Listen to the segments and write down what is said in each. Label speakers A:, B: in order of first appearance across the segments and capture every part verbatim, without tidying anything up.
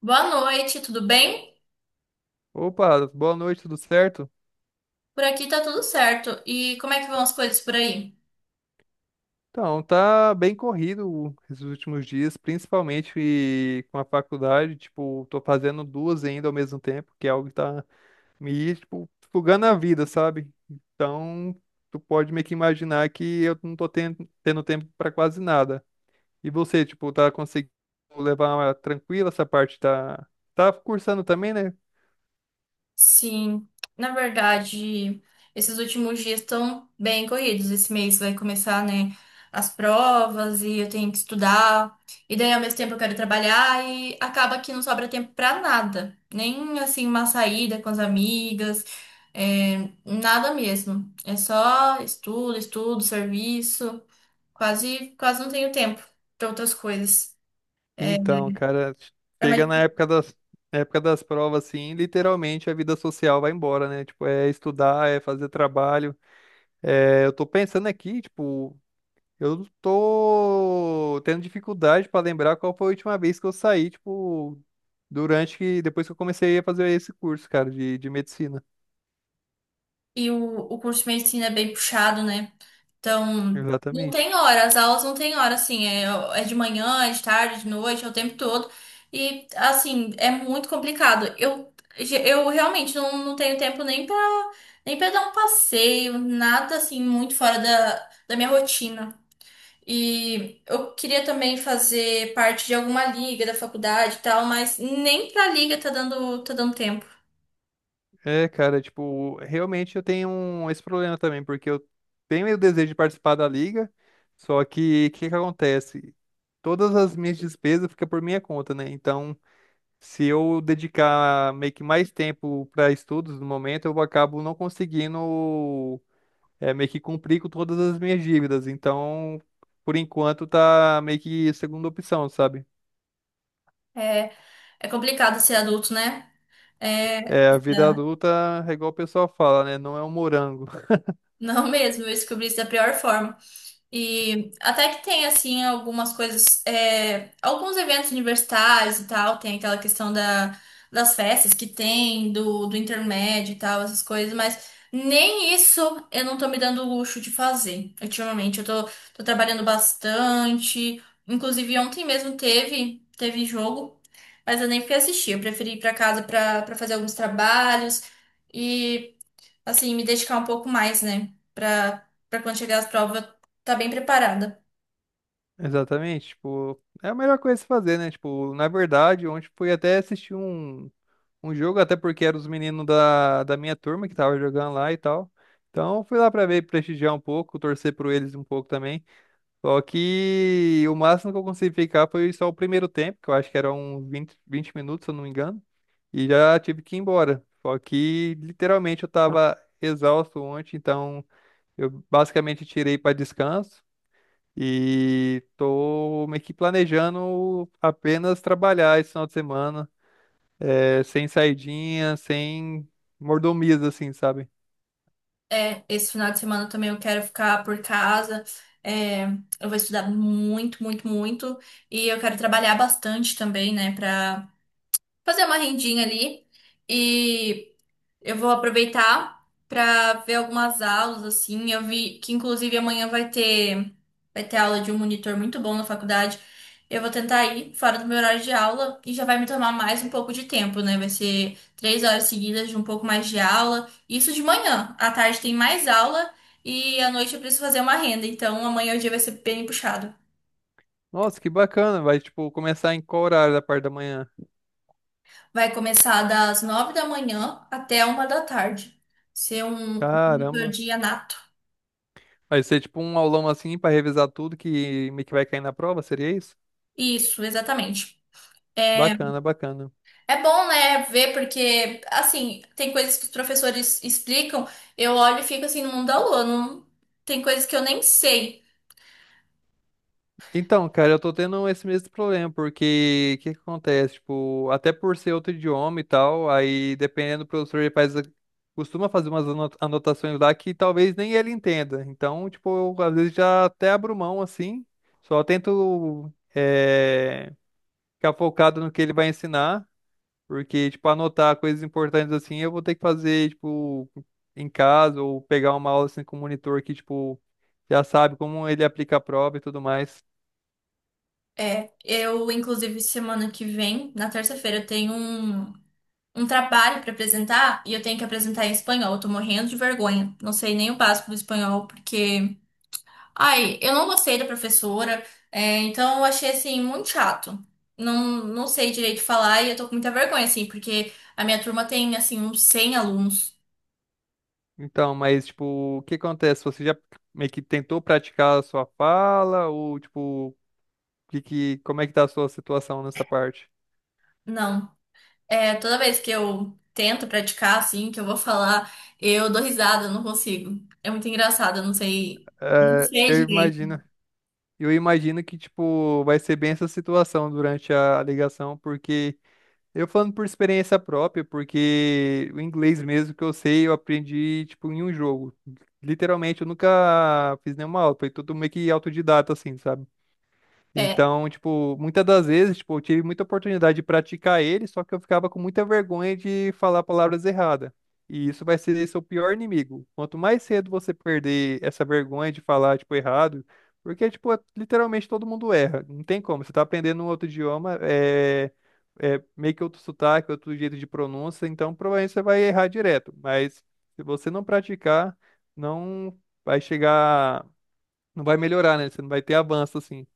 A: Boa noite, tudo bem?
B: Opa, boa noite, tudo certo?
A: Por aqui tá tudo certo. E como é que vão as coisas por aí?
B: Então, tá bem corrido esses últimos dias, principalmente com a faculdade, tipo, tô fazendo duas ainda ao mesmo tempo, que é algo que tá me, tipo, sugando a vida, sabe? Então, tu pode meio que imaginar que eu não tô tendo, tendo tempo pra quase nada. E você, tipo, tá conseguindo levar tranquila essa parte, tá, tá cursando também, né?
A: Sim, na verdade, esses últimos dias estão bem corridos. Esse mês vai começar, né, as provas e eu tenho que estudar. E daí, ao mesmo tempo, eu quero trabalhar e acaba que não sobra tempo pra nada. Nem, assim, uma saída com as amigas, é, nada mesmo. É só estudo, estudo, serviço. Quase, quase não tenho tempo pra outras coisas.
B: Então, cara,
A: É uma
B: chega na época das, época das provas, assim, literalmente a vida social vai embora, né? Tipo, é estudar, é fazer trabalho. É, eu tô pensando aqui, tipo, eu tô tendo dificuldade pra lembrar qual foi a última vez que eu saí, tipo, durante que, depois que eu comecei a fazer esse curso, cara, de, de medicina.
A: E o, o curso de medicina é bem puxado, né? Então, não
B: Exatamente.
A: tem hora, as aulas não tem hora, assim, é, é de manhã, é de tarde, de noite, é o tempo todo. E, assim, é muito complicado. Eu, eu realmente não, não tenho tempo nem pra, nem pra dar um passeio, nada, assim, muito fora da, da minha rotina. E eu queria também fazer parte de alguma liga da faculdade e tal, mas nem pra liga tá dando, tá dando tempo.
B: É, cara, tipo, realmente eu tenho um- esse problema também, porque eu tenho o desejo de participar da liga, só que o que que acontece? Todas as minhas despesas ficam por minha conta, né? Então, se eu dedicar meio que mais tempo para estudos no momento, eu acabo não conseguindo é, meio que cumprir com todas as minhas dívidas. Então, por enquanto, tá meio que segunda opção, sabe?
A: É, é complicado ser adulto, né? É,
B: É, a vida adulta, é igual o pessoal fala, né? Não é um morango.
A: Não mesmo, eu descobri isso da pior forma. E até que tem, assim, algumas coisas, é, alguns eventos universitários e tal, tem aquela questão da, das festas que tem, do, do intermédio e tal, essas coisas, mas nem isso eu não tô me dando o luxo de fazer ultimamente. Eu tô, tô trabalhando bastante, inclusive ontem mesmo teve, teve jogo, mas eu nem fui assistir, eu preferi ir pra casa pra, pra fazer alguns trabalhos. E assim, me dedicar um pouco mais, né? Pra, pra quando chegar as provas, tá bem preparada.
B: Exatamente, tipo, é a melhor coisa a se fazer, né? Tipo, na verdade, ontem fui até assistir um, um jogo, até porque eram os meninos da, da minha turma que tava jogando lá e tal. Então, fui lá pra ver, prestigiar um pouco, torcer por eles um pouco também. Só que o máximo que eu consegui ficar foi só o primeiro tempo, que eu acho que era uns vinte vinte minutos, se eu não me engano, e já tive que ir embora. Só que, literalmente, eu tava exausto ontem, então eu basicamente tirei pra descanso. E tô meio que planejando apenas trabalhar esse final de semana, é, sem saidinha, sem mordomias, assim, sabe?
A: É, esse final de semana também eu quero ficar por casa. É, eu vou estudar muito, muito, muito. E eu quero trabalhar bastante também, né? Pra fazer uma rendinha ali. E. Eu vou aproveitar para ver algumas aulas, assim. Eu vi que, inclusive, amanhã vai ter, vai ter aula de um monitor muito bom na faculdade. Eu vou tentar ir fora do meu horário de aula e já vai me tomar mais um pouco de tempo, né? Vai ser três horas seguidas de um pouco mais de aula. Isso de manhã. À tarde tem mais aula e à noite eu preciso fazer uma renda. Então, amanhã o dia vai ser bem puxado.
B: Nossa, que bacana! Vai, tipo, começar em qual horário da parte da manhã?
A: Vai começar das nove da manhã até uma da tarde. Ser um um monitor
B: Caramba!
A: de Anato.
B: Vai ser tipo um aulão assim pra revisar tudo que meio que vai cair na prova, seria isso?
A: Isso, exatamente. É,
B: Bacana, bacana.
A: é bom, né, ver, porque, assim, tem coisas que os professores explicam, eu olho e fico assim no mundo da lua, não- tem coisas que eu nem sei.
B: Então, cara, eu tô tendo esse mesmo problema, porque o que que acontece? Tipo, até por ser outro idioma e tal, aí dependendo do professor, ele faz, a- costuma fazer umas ano- anotações lá que talvez nem ele entenda. Então, tipo, eu, às vezes já até abro mão assim, só tento eh, ficar focado no que ele vai ensinar, porque, tipo, anotar coisas importantes assim, eu vou ter que fazer, tipo, em casa ou pegar uma aula assim com o monitor que, tipo, já sabe como ele aplica a prova e tudo mais.
A: É, eu, inclusive, semana que vem, na terça-feira, eu tenho um, um trabalho para apresentar e eu tenho que apresentar em espanhol, eu tô morrendo de vergonha, não sei nem o básico do espanhol, porque ai, eu não gostei da professora, é, então eu achei assim muito chato. Não, não sei direito falar e eu tô com muita vergonha, assim, porque a minha turma tem assim uns cem alunos.
B: Então, mas tipo, o que acontece? Você já meio que tentou praticar a sua fala ou tipo, que, que, como é que tá a sua situação nessa parte?
A: Não. É, toda vez que eu tento praticar, assim, que eu vou falar, eu dou risada, eu não consigo. É muito engraçado, eu não sei. Não
B: É,
A: sei
B: eu imagino,
A: direito.
B: eu imagino que tipo vai ser bem essa situação durante a ligação, porque eu falando por experiência própria, porque o inglês mesmo que eu sei, eu aprendi tipo em um jogo. Literalmente, eu nunca fiz nenhuma aula, foi tudo meio que autodidata assim, sabe?
A: É,
B: Então, tipo, muitas das vezes, tipo, eu tive muita oportunidade de praticar ele, só que eu ficava com muita vergonha de falar palavras erradas. E isso vai ser seu pior inimigo. Quanto mais cedo você perder essa vergonha de falar, tipo, errado, porque, tipo, é- literalmente todo mundo erra. Não tem como. Você tá aprendendo um outro idioma, é, é meio que outro sotaque, outro jeito de pronúncia, então provavelmente você vai errar direto. Mas se você não praticar, não vai chegar, não vai melhorar, né? Você não vai ter avanço, assim.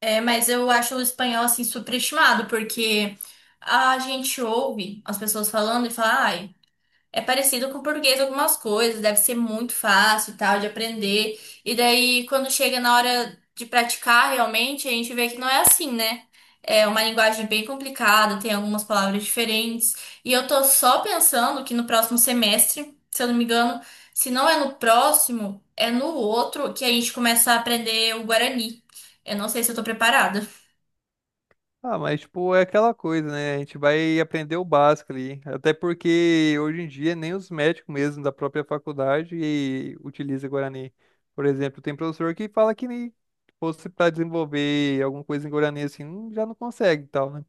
A: é, mas eu acho o espanhol assim superestimado, porque a gente ouve as pessoas falando e fala, ai. É parecido com o português algumas coisas, deve ser muito fácil e tal de aprender. E daí, quando chega na hora de praticar realmente, a gente vê que não é assim, né? É uma linguagem bem complicada, tem algumas palavras diferentes. E eu tô só pensando que no próximo semestre, se eu não me engano, se não é no próximo, é no outro que a gente começa a aprender o Guarani. Eu não sei se eu tô preparada.
B: Ah, mas tipo, é aquela coisa, né? A gente vai aprender o básico ali. Até porque hoje em dia nem os médicos mesmo da própria faculdade utilizam Guarani. Por exemplo, tem professor que fala que nem fosse para desenvolver alguma coisa em Guarani assim, hum, já não consegue e tal, né?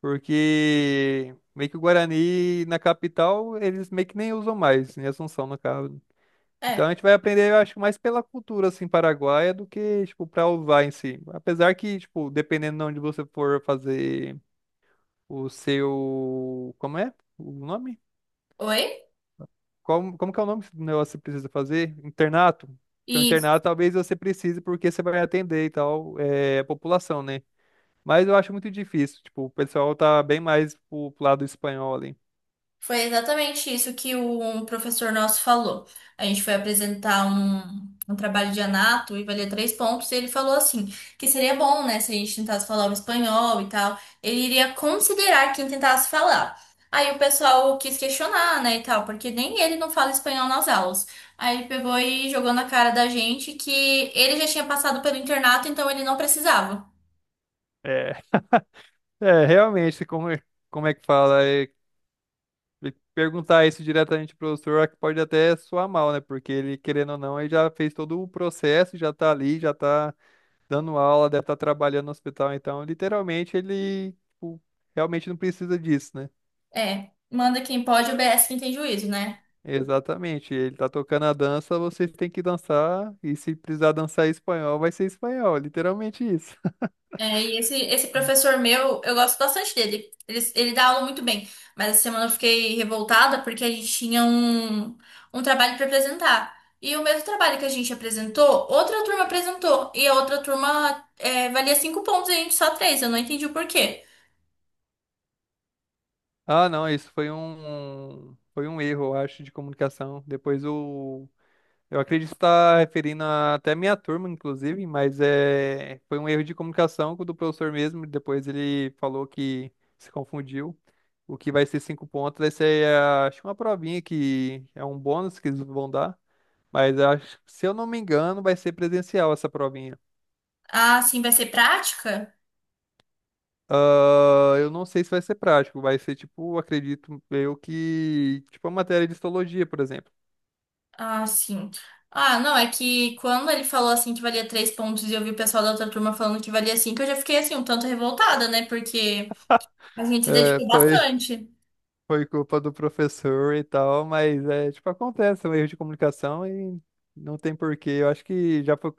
B: Porque meio que o Guarani na capital, eles meio que nem usam mais, em Assunção, no caso. Então
A: É.
B: a gente vai aprender, eu acho, mais pela cultura, assim, paraguaia do que, tipo, pra usar em si. Apesar que, tipo, dependendo de onde você for fazer o seu. Como é o nome?
A: Oi?
B: Como, como que é o nome do negócio que você precisa fazer? Internato? Então, internato talvez você precise, porque você vai atender e tal, é, a população, né? Mas eu acho muito difícil. Tipo, o pessoal tá bem mais pro, pro lado espanhol ali.
A: Foi exatamente isso que o- um professor nosso falou. A gente foi apresentar um, um trabalho de anato e valia três pontos, e ele falou assim, que seria bom, né, se a gente tentasse falar o espanhol e tal. Ele iria considerar quem tentasse falar. Aí o pessoal quis questionar, né, e tal, porque nem ele não fala espanhol nas aulas. Aí ele pegou e jogou na cara da gente que ele já tinha passado pelo internato, então ele não precisava.
B: É, é realmente, como, é- como é que fala? É, perguntar isso diretamente pro professor pode até soar mal, né? Porque ele, querendo ou não, ele já fez todo o processo, já tá ali, já tá dando aula, deve estar trabalhando no hospital, então literalmente ele tipo, realmente não precisa disso, né?
A: É, manda quem pode, obedece quem tem juízo, né?
B: Exatamente, ele tá tocando a dança, você tem que dançar, e se precisar dançar em espanhol, vai ser em espanhol, literalmente isso.
A: É, e esse, esse professor meu, eu gosto bastante dele. Ele, ele dá aula muito bem. Mas essa semana eu fiquei revoltada porque a gente tinha um, um trabalho para apresentar. E o mesmo trabalho que a gente apresentou, outra turma apresentou. E a outra turma é, valia cinco pontos e a gente só três. Eu não entendi o porquê.
B: Ah, não, isso foi um foi um erro, eu acho, de comunicação. Depois o Eu acredito estar referindo a- até a minha turma, inclusive, mas é, foi um erro de comunicação com o do professor mesmo. Depois ele falou que se confundiu. O que vai ser cinco pontos vai ser, ah, acho que uma provinha que é um bônus que eles vão dar. Mas acho, se eu não me engano, vai ser presencial essa provinha.
A: Ah, sim, vai ser prática?
B: Ah, eu não sei se vai ser prático, vai ser tipo, acredito eu que, tipo a matéria de histologia, por exemplo.
A: Ah, sim. Ah, não, é que quando ele falou assim que valia três pontos e eu vi o pessoal da outra turma falando que valia cinco, eu já fiquei assim um tanto revoltada, né? Porque a gente se
B: É,
A: dedicou
B: foi
A: bastante.
B: foi culpa do professor e tal, mas é, tipo, acontece, é um erro de comunicação e não tem porquê. Eu acho que já foi,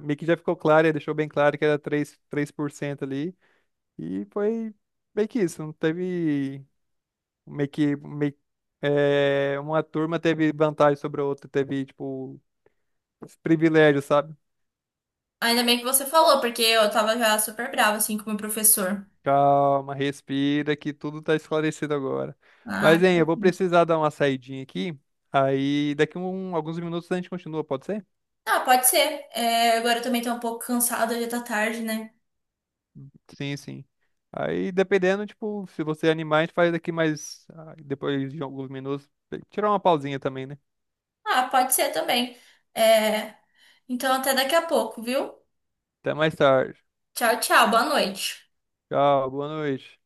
B: meio que já ficou claro, ele deixou bem claro que era três três por cento ali, e foi meio que isso, não teve meio que meio, é, uma turma teve vantagem sobre a outra, teve, tipo, esse privilégio, sabe?
A: Ainda bem que você falou, porque eu tava já super brava, assim, com o meu professor.
B: Calma, respira, que tudo tá esclarecido agora.
A: Ah,
B: Mas, hein, eu vou precisar dar uma saidinha aqui, aí daqui um, alguns minutos a gente continua, pode ser?
A: ah, pode ser. É, agora eu também tô um pouco cansada, já tá tarde, né?
B: Sim, sim. Aí, dependendo, tipo, se você animar, a gente faz daqui mais ah, depois de alguns minutos. Tirar uma pausinha também, né?
A: Ah, pode ser também. É, então até daqui a pouco, viu?
B: Até mais tarde.
A: Tchau, tchau, boa noite.
B: Tchau, boa noite.